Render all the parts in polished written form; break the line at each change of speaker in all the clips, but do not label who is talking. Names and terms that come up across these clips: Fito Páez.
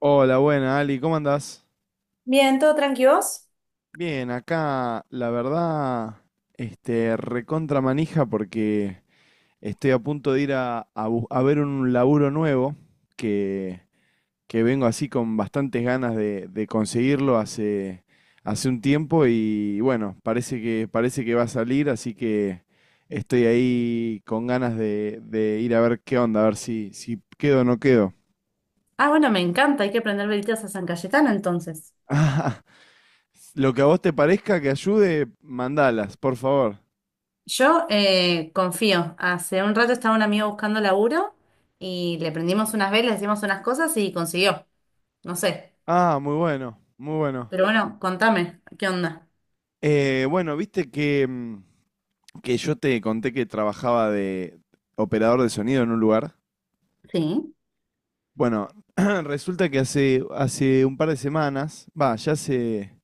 Hola, buena, Ali, ¿cómo andás?
Bien, ¿todo tranqui vos?
Bien, acá la verdad, recontra manija porque estoy a punto de ir a ver un laburo nuevo que, que vengo así con bastantes ganas de conseguirlo hace un tiempo y bueno, parece que va a salir, así que estoy ahí con ganas de ir a ver qué onda, a ver si quedo o no quedo.
Ah, bueno, me encanta, hay que prender velitas a San Cayetano entonces.
Lo que a vos te parezca que ayude, mandalas, por favor.
Yo confío, hace un rato estaba un amigo buscando laburo y le prendimos unas velas, hicimos unas cosas y consiguió, no sé.
Ah, muy bueno, muy bueno.
Pero bueno, contame, ¿qué onda?
Bueno, viste que yo te conté que trabajaba de operador de sonido en un lugar.
Sí,
Bueno, resulta que hace un par de semanas, va, ya hace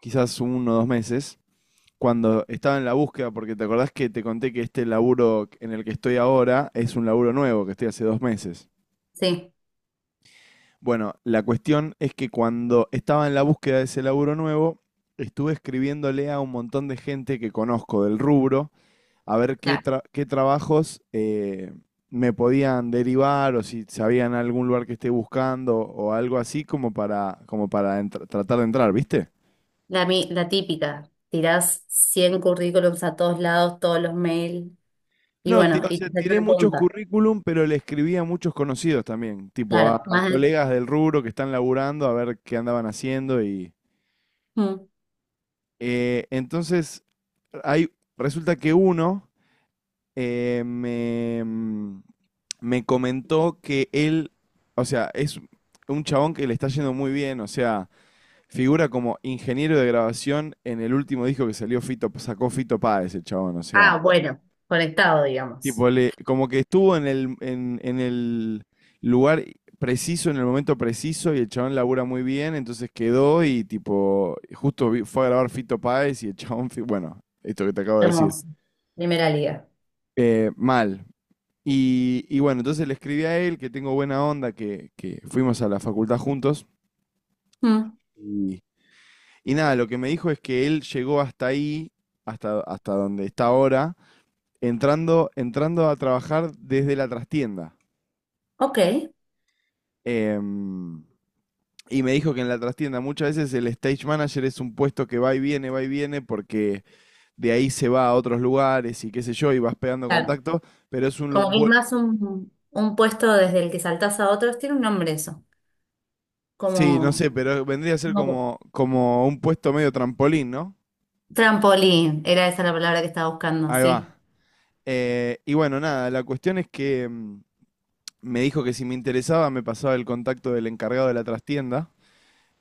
quizás uno o dos meses, cuando estaba en la búsqueda, porque te acordás que te conté que este laburo en el que estoy ahora es un laburo nuevo que estoy hace dos meses.
sí,
Bueno, la cuestión es que cuando estaba en la búsqueda de ese laburo nuevo, estuve escribiéndole a un montón de gente que conozco del rubro a ver qué,
la,
tra- qué trabajos me podían derivar o si sabían algún lugar que esté buscando o algo así como para tratar de entrar, ¿viste?
la típica, tirás 100 currículums a todos lados, todos los mails. Y
No,
bueno,
o
y
sea,
te sale
tiré
una
muchos
punta,
currículum, pero le escribí a muchos conocidos también, tipo a,
claro.
a
Más de-
colegas del rubro que están laburando a ver qué andaban haciendo y.
Mm.
Entonces, hay, resulta que uno eh, me, mm, me comentó que él, o sea, es un chabón que le está yendo muy bien, o sea, figura como ingeniero de grabación en el último disco que salió Fito, sacó Fito Páez, el chabón, o sea,
Ah, bueno, conectado, digamos.
tipo, le, como que estuvo en el, en el lugar preciso, en el momento preciso, y el chabón labura muy bien, entonces quedó y tipo, justo fue a grabar Fito Páez y el chabón, bueno, esto que te acabo de decir,
Hermoso, primera liga.
mal. Y bueno, entonces le escribí a él que tengo buena onda, que fuimos a la facultad juntos. Y, y nada, lo que me dijo es que él llegó hasta ahí, hasta donde está ahora, entrando a trabajar desde la trastienda.
Ok,
Em, Y me dijo que en la trastienda muchas veces el stage manager es un puesto que va y viene, porque de ahí se va a otros lugares y qué sé yo, y vas pegando
claro.
contacto, pero es un
Como que es más un puesto desde el que saltás a otros, tiene un nombre eso.
sí, no
Como,
sé, pero vendría a ser
como
como, como un puesto medio trampolín, ¿no?
trampolín, era esa la palabra que estaba buscando,
Ahí va.
sí.
Y bueno, nada, la cuestión es que me dijo que si me interesaba me pasaba el contacto del encargado de la trastienda,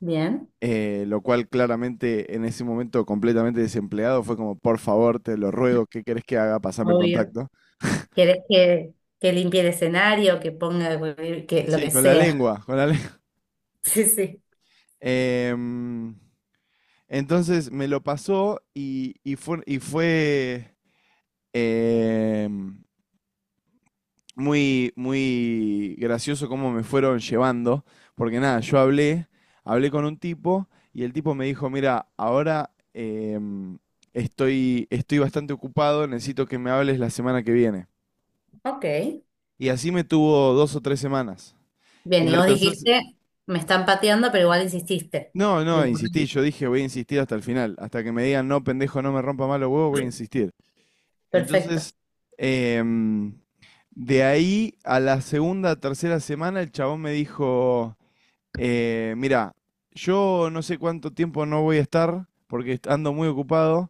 Bien.
lo cual claramente en ese momento completamente desempleado fue como, por favor, te lo ruego, ¿qué querés que haga? Pasame el
Obvio.
contacto.
¿Querés que limpie el escenario, que ponga, que lo
Sí,
que
con la
sea?
lengua, con la lengua.
Sí, sí.
Em, entonces me lo pasó y, y fue em, muy, muy gracioso cómo me fueron llevando, porque nada, yo hablé con un tipo y el tipo me dijo, mira, ahora estoy bastante ocupado, necesito que me hables la semana que viene.
Ok.
Y así me tuvo dos o tres semanas. Y
Bien,
a
y
la
vos
tercera,
dijiste, me están pateando, pero igual insististe.
no,
Lo
no, insistí,
importante.
yo dije voy a insistir hasta el final, hasta que me digan no, pendejo, no me rompa mal los huevos, voy a insistir.
Perfecto.
Entonces, em, de ahí a la segunda, tercera semana, el chabón me dijo, mira, yo no sé cuánto tiempo no voy a estar, porque ando muy ocupado,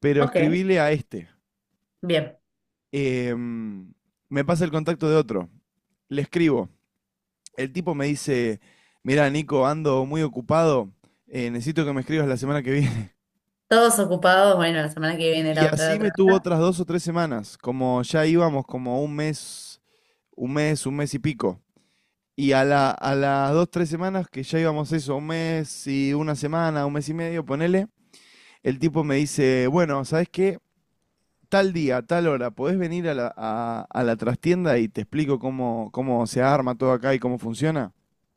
pero
Ok,
escribile a este.
bien.
Em, Me pasa el contacto de otro, le escribo. El tipo me dice, mira, Nico, ando muy ocupado, necesito que me escribas la semana que viene.
Todos ocupados, bueno, la semana que viene,
Y
la otra, la
así me tuvo
otra.
otras dos o tres semanas, como ya íbamos como un mes, y pico. Y a las dos, tres semanas que ya íbamos eso, un mes y una semana, un mes y medio, ponele, el tipo me dice, bueno, ¿sabes qué? Tal día, tal hora, podés venir a la trastienda y te explico cómo se arma todo acá y cómo funciona.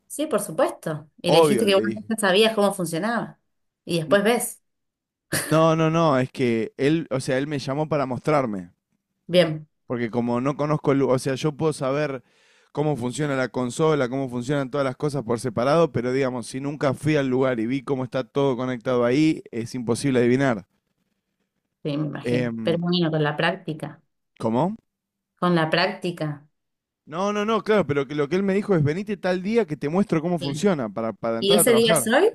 Sí, por supuesto. Y le
Obvio,
dijiste
le
que vos
dije.
ya sabías cómo funcionaba. Y
"N-
después ves.
No, no, no, es que él, o sea, él me llamó para mostrarme.
Bien,
Porque como no conozco el, o sea, yo puedo saber cómo funciona la consola, cómo funcionan todas las cosas por separado, pero digamos, si nunca fui al lugar y vi cómo está todo conectado ahí, es imposible adivinar.
sí, me imagino.
Em,
Pero bueno, con la práctica.
¿Cómo?
Con la práctica.
No, no, no, claro, pero que lo que él me dijo es venite tal día que te muestro cómo
Bien.
funciona para
¿Y
entrar a
ese día es
trabajar.
hoy?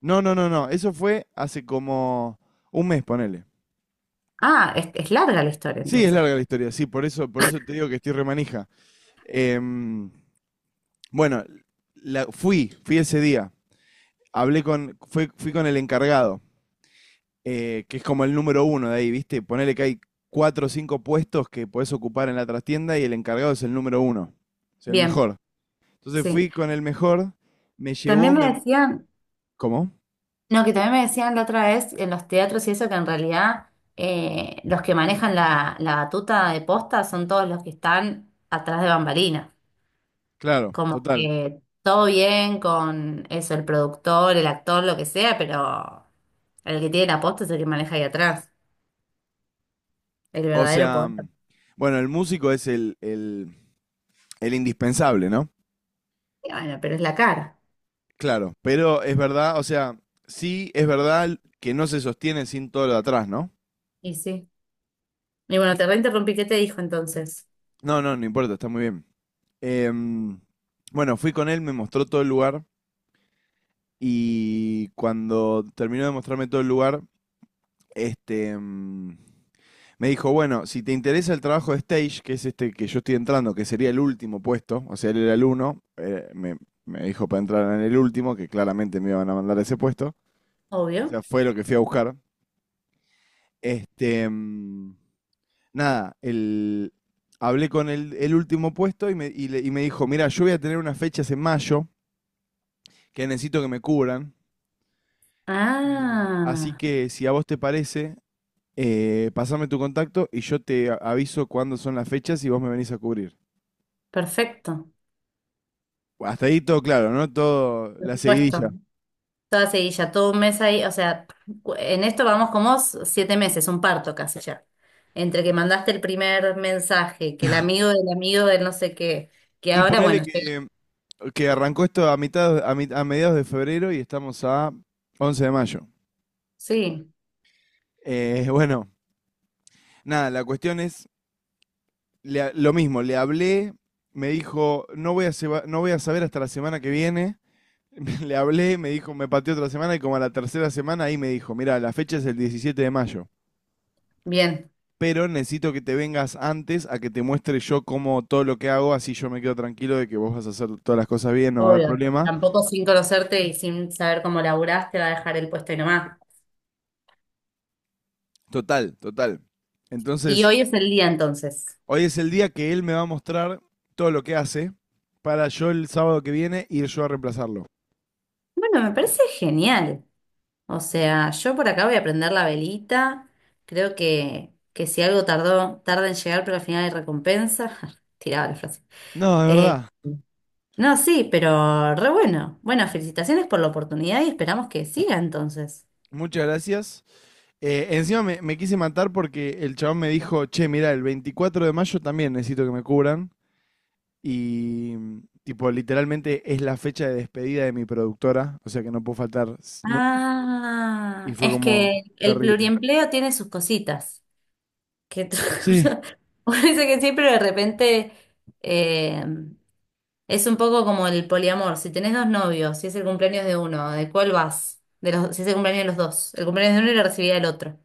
No, no, no, no, eso fue hace como un mes, ponele.
Ah, es larga la historia
Sí, es
entonces.
larga la historia, sí, por eso te digo que estoy remanija. Em, bueno, fui ese día. Hablé con, fui fui con el encargado, que es como el número uno de ahí, ¿viste? Ponele que hay cuatro o cinco puestos que podés ocupar en la trastienda y el encargado es el número uno, o sea, el
Bien,
mejor. Entonces
sí.
fui con el mejor, me llevó,
También me decían,
¿cómo?
no, que también me decían la otra vez en los teatros y eso que en realidad los que manejan la batuta de posta son todos los que están atrás de bambalinas.
Claro,
Como
total.
que todo bien con eso, el productor, el actor, lo que sea, pero el que tiene la posta es el que maneja ahí atrás. El
O
verdadero
sea,
poder.
bueno, el músico es el, el indispensable, ¿no?
Y bueno, pero es la cara.
Claro, pero es verdad, o sea, sí es verdad que no se sostiene sin todo lo de atrás, ¿no?
Y sí. Y bueno, te reinterrumpí. ¿Qué te dijo entonces?
No, no, no importa, está muy bien. Em, bueno, fui con él, me mostró todo el lugar. Y cuando terminó de mostrarme todo el lugar, este, mm, me dijo, bueno, si te interesa el trabajo de stage, que es este que yo estoy entrando, que sería el último puesto, o sea, él era el uno, me dijo para entrar en el último, que claramente me iban a mandar a ese puesto, o
Obvio.
sea, fue lo que fui a buscar. Este, mm, nada, el, hablé con el último puesto y me dijo, mira, yo voy a tener unas fechas en mayo que necesito que me cubran. Así
Ah,
que si a vos te parece, pasame tu contacto y yo te aviso cuándo son las fechas y vos me venís a cubrir.
perfecto.
Bueno, hasta ahí todo claro, ¿no? Todo
Por
la seguidilla.
supuesto. Toda seguilla, todo un mes ahí. O sea, cu- en esto vamos como s- siete meses, un parto casi ya. Entre que mandaste el primer mensaje, que el amigo del no sé qué, que
Y
ahora, bueno,
ponele
llega-
que arrancó esto a mediados de febrero y estamos a 11 de mayo.
Sí.
Bueno, nada, la cuestión es lo mismo, le hablé, me dijo, no voy a, seba- no voy a saber hasta la semana que viene. Le hablé, me dijo, me pateó otra semana y como a la tercera semana ahí me dijo, mira, la fecha es el 17 de mayo,
Bien,
pero necesito que te vengas antes a que te muestre yo cómo todo lo que hago, así yo me quedo tranquilo de que vos vas a hacer todas las cosas bien, no va a haber
obvio.
problema.
Tampoco sin conocerte y sin saber cómo laburás te va a dejar el puesto y nomás.
Total, total.
Y
Entonces,
hoy es el día entonces.
hoy es el día que él me va a mostrar todo lo que hace para yo el sábado que viene ir yo a reemplazarlo.
Bueno, me parece genial. O sea, yo por acá voy a prender la velita. Creo que si algo tardó, tarda en llegar, pero al final hay recompensa. Tiraba la frase.
No, de
Eh,
verdad.
no, sí, pero re bueno. Bueno, felicitaciones por la oportunidad y esperamos que siga entonces.
Muchas gracias. Encima me quise matar porque el chabón me dijo, che, mira, el 24 de mayo también necesito que me cubran. Y tipo, literalmente es la fecha de despedida de mi productora, o sea que no puedo faltar. Y
Ah,
fue
es
como
que el
terrible.
pluriempleo tiene sus cositas. Que otra
Sí.
cosa? Uno dice que sí, pero de repente eh, es un poco como el poliamor. Si tenés dos novios, si es el cumpleaños de uno, ¿de cuál vas? De los, si es el cumpleaños de los dos. El cumpleaños de uno y lo recibiría el otro.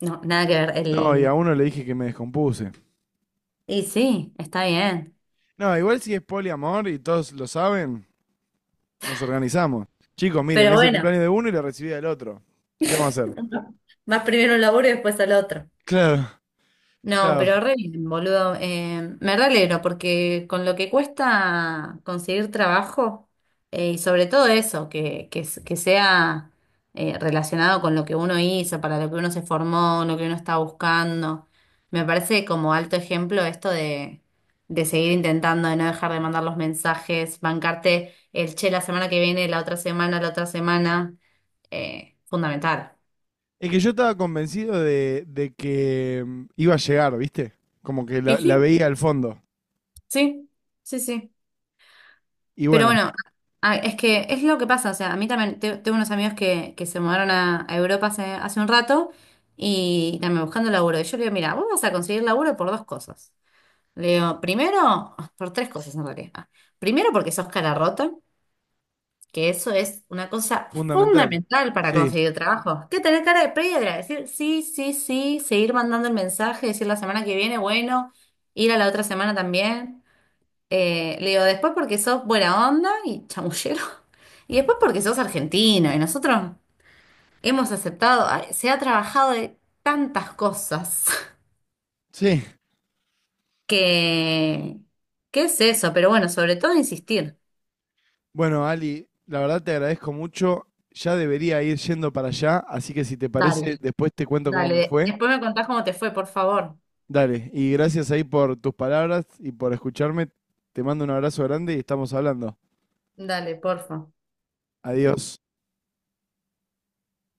No, nada que ver.
No, y a
El...
uno le dije que me descompuse.
Y sí, está bien.
No, igual si es poliamor y todos lo saben, nos organizamos. Chicos, miren,
Pero
es el
bueno,
cumpleaños de uno y la recibida del otro. ¿Qué vamos a hacer?
vas primero a un laburo y después al otro.
Claro,
No,
claro.
pero re bien, boludo. Me re alegro porque con lo que cuesta conseguir trabajo, y sobre todo eso, que, s- que sea relacionado con lo que uno hizo, para lo que uno se formó, lo que uno está buscando, me parece como alto ejemplo esto de seguir intentando, de no dejar de mandar los mensajes, bancarte el che la semana que viene, la otra semana, fundamental.
Es que yo estaba convencido de que iba a llegar, ¿viste? Como que
Y
la
sí,
veía al fondo.
sí, sí, sí.
Y
Pero
bueno,
bueno, a- es que es lo que pasa, o sea, a mí también te- tengo unos amigos que se mudaron a Europa hace, hace un rato y también buscando laburo. Y yo le digo, mira, vos vas a conseguir laburo por dos cosas. Le digo, primero, por tres cosas en realidad. Ah, primero porque sos cara rota, que eso es una cosa
fundamental.
fundamental para
Sí,
conseguir trabajo. Que tener cara de piedra, decir sí, sí, sí, seguir mandando el mensaje, decir la semana que viene, bueno, ir a la otra semana también. Le digo, después porque sos buena onda y chamullero. Y después porque sos argentino y nosotros hemos aceptado, ay, se ha trabajado de tantas cosas
sí.
que, ¿qué es eso? Pero bueno, sobre todo insistir.
Bueno, Ali, la verdad te agradezco mucho. Ya debería ir yendo para allá, así que si te parece,
Dale,
después te cuento cómo me
dale.
fue.
Después me contás cómo te fue, por favor.
Dale, y gracias ahí por tus palabras y por escucharme. Te mando un abrazo grande y estamos hablando.
Dale, porfa.
Adiós.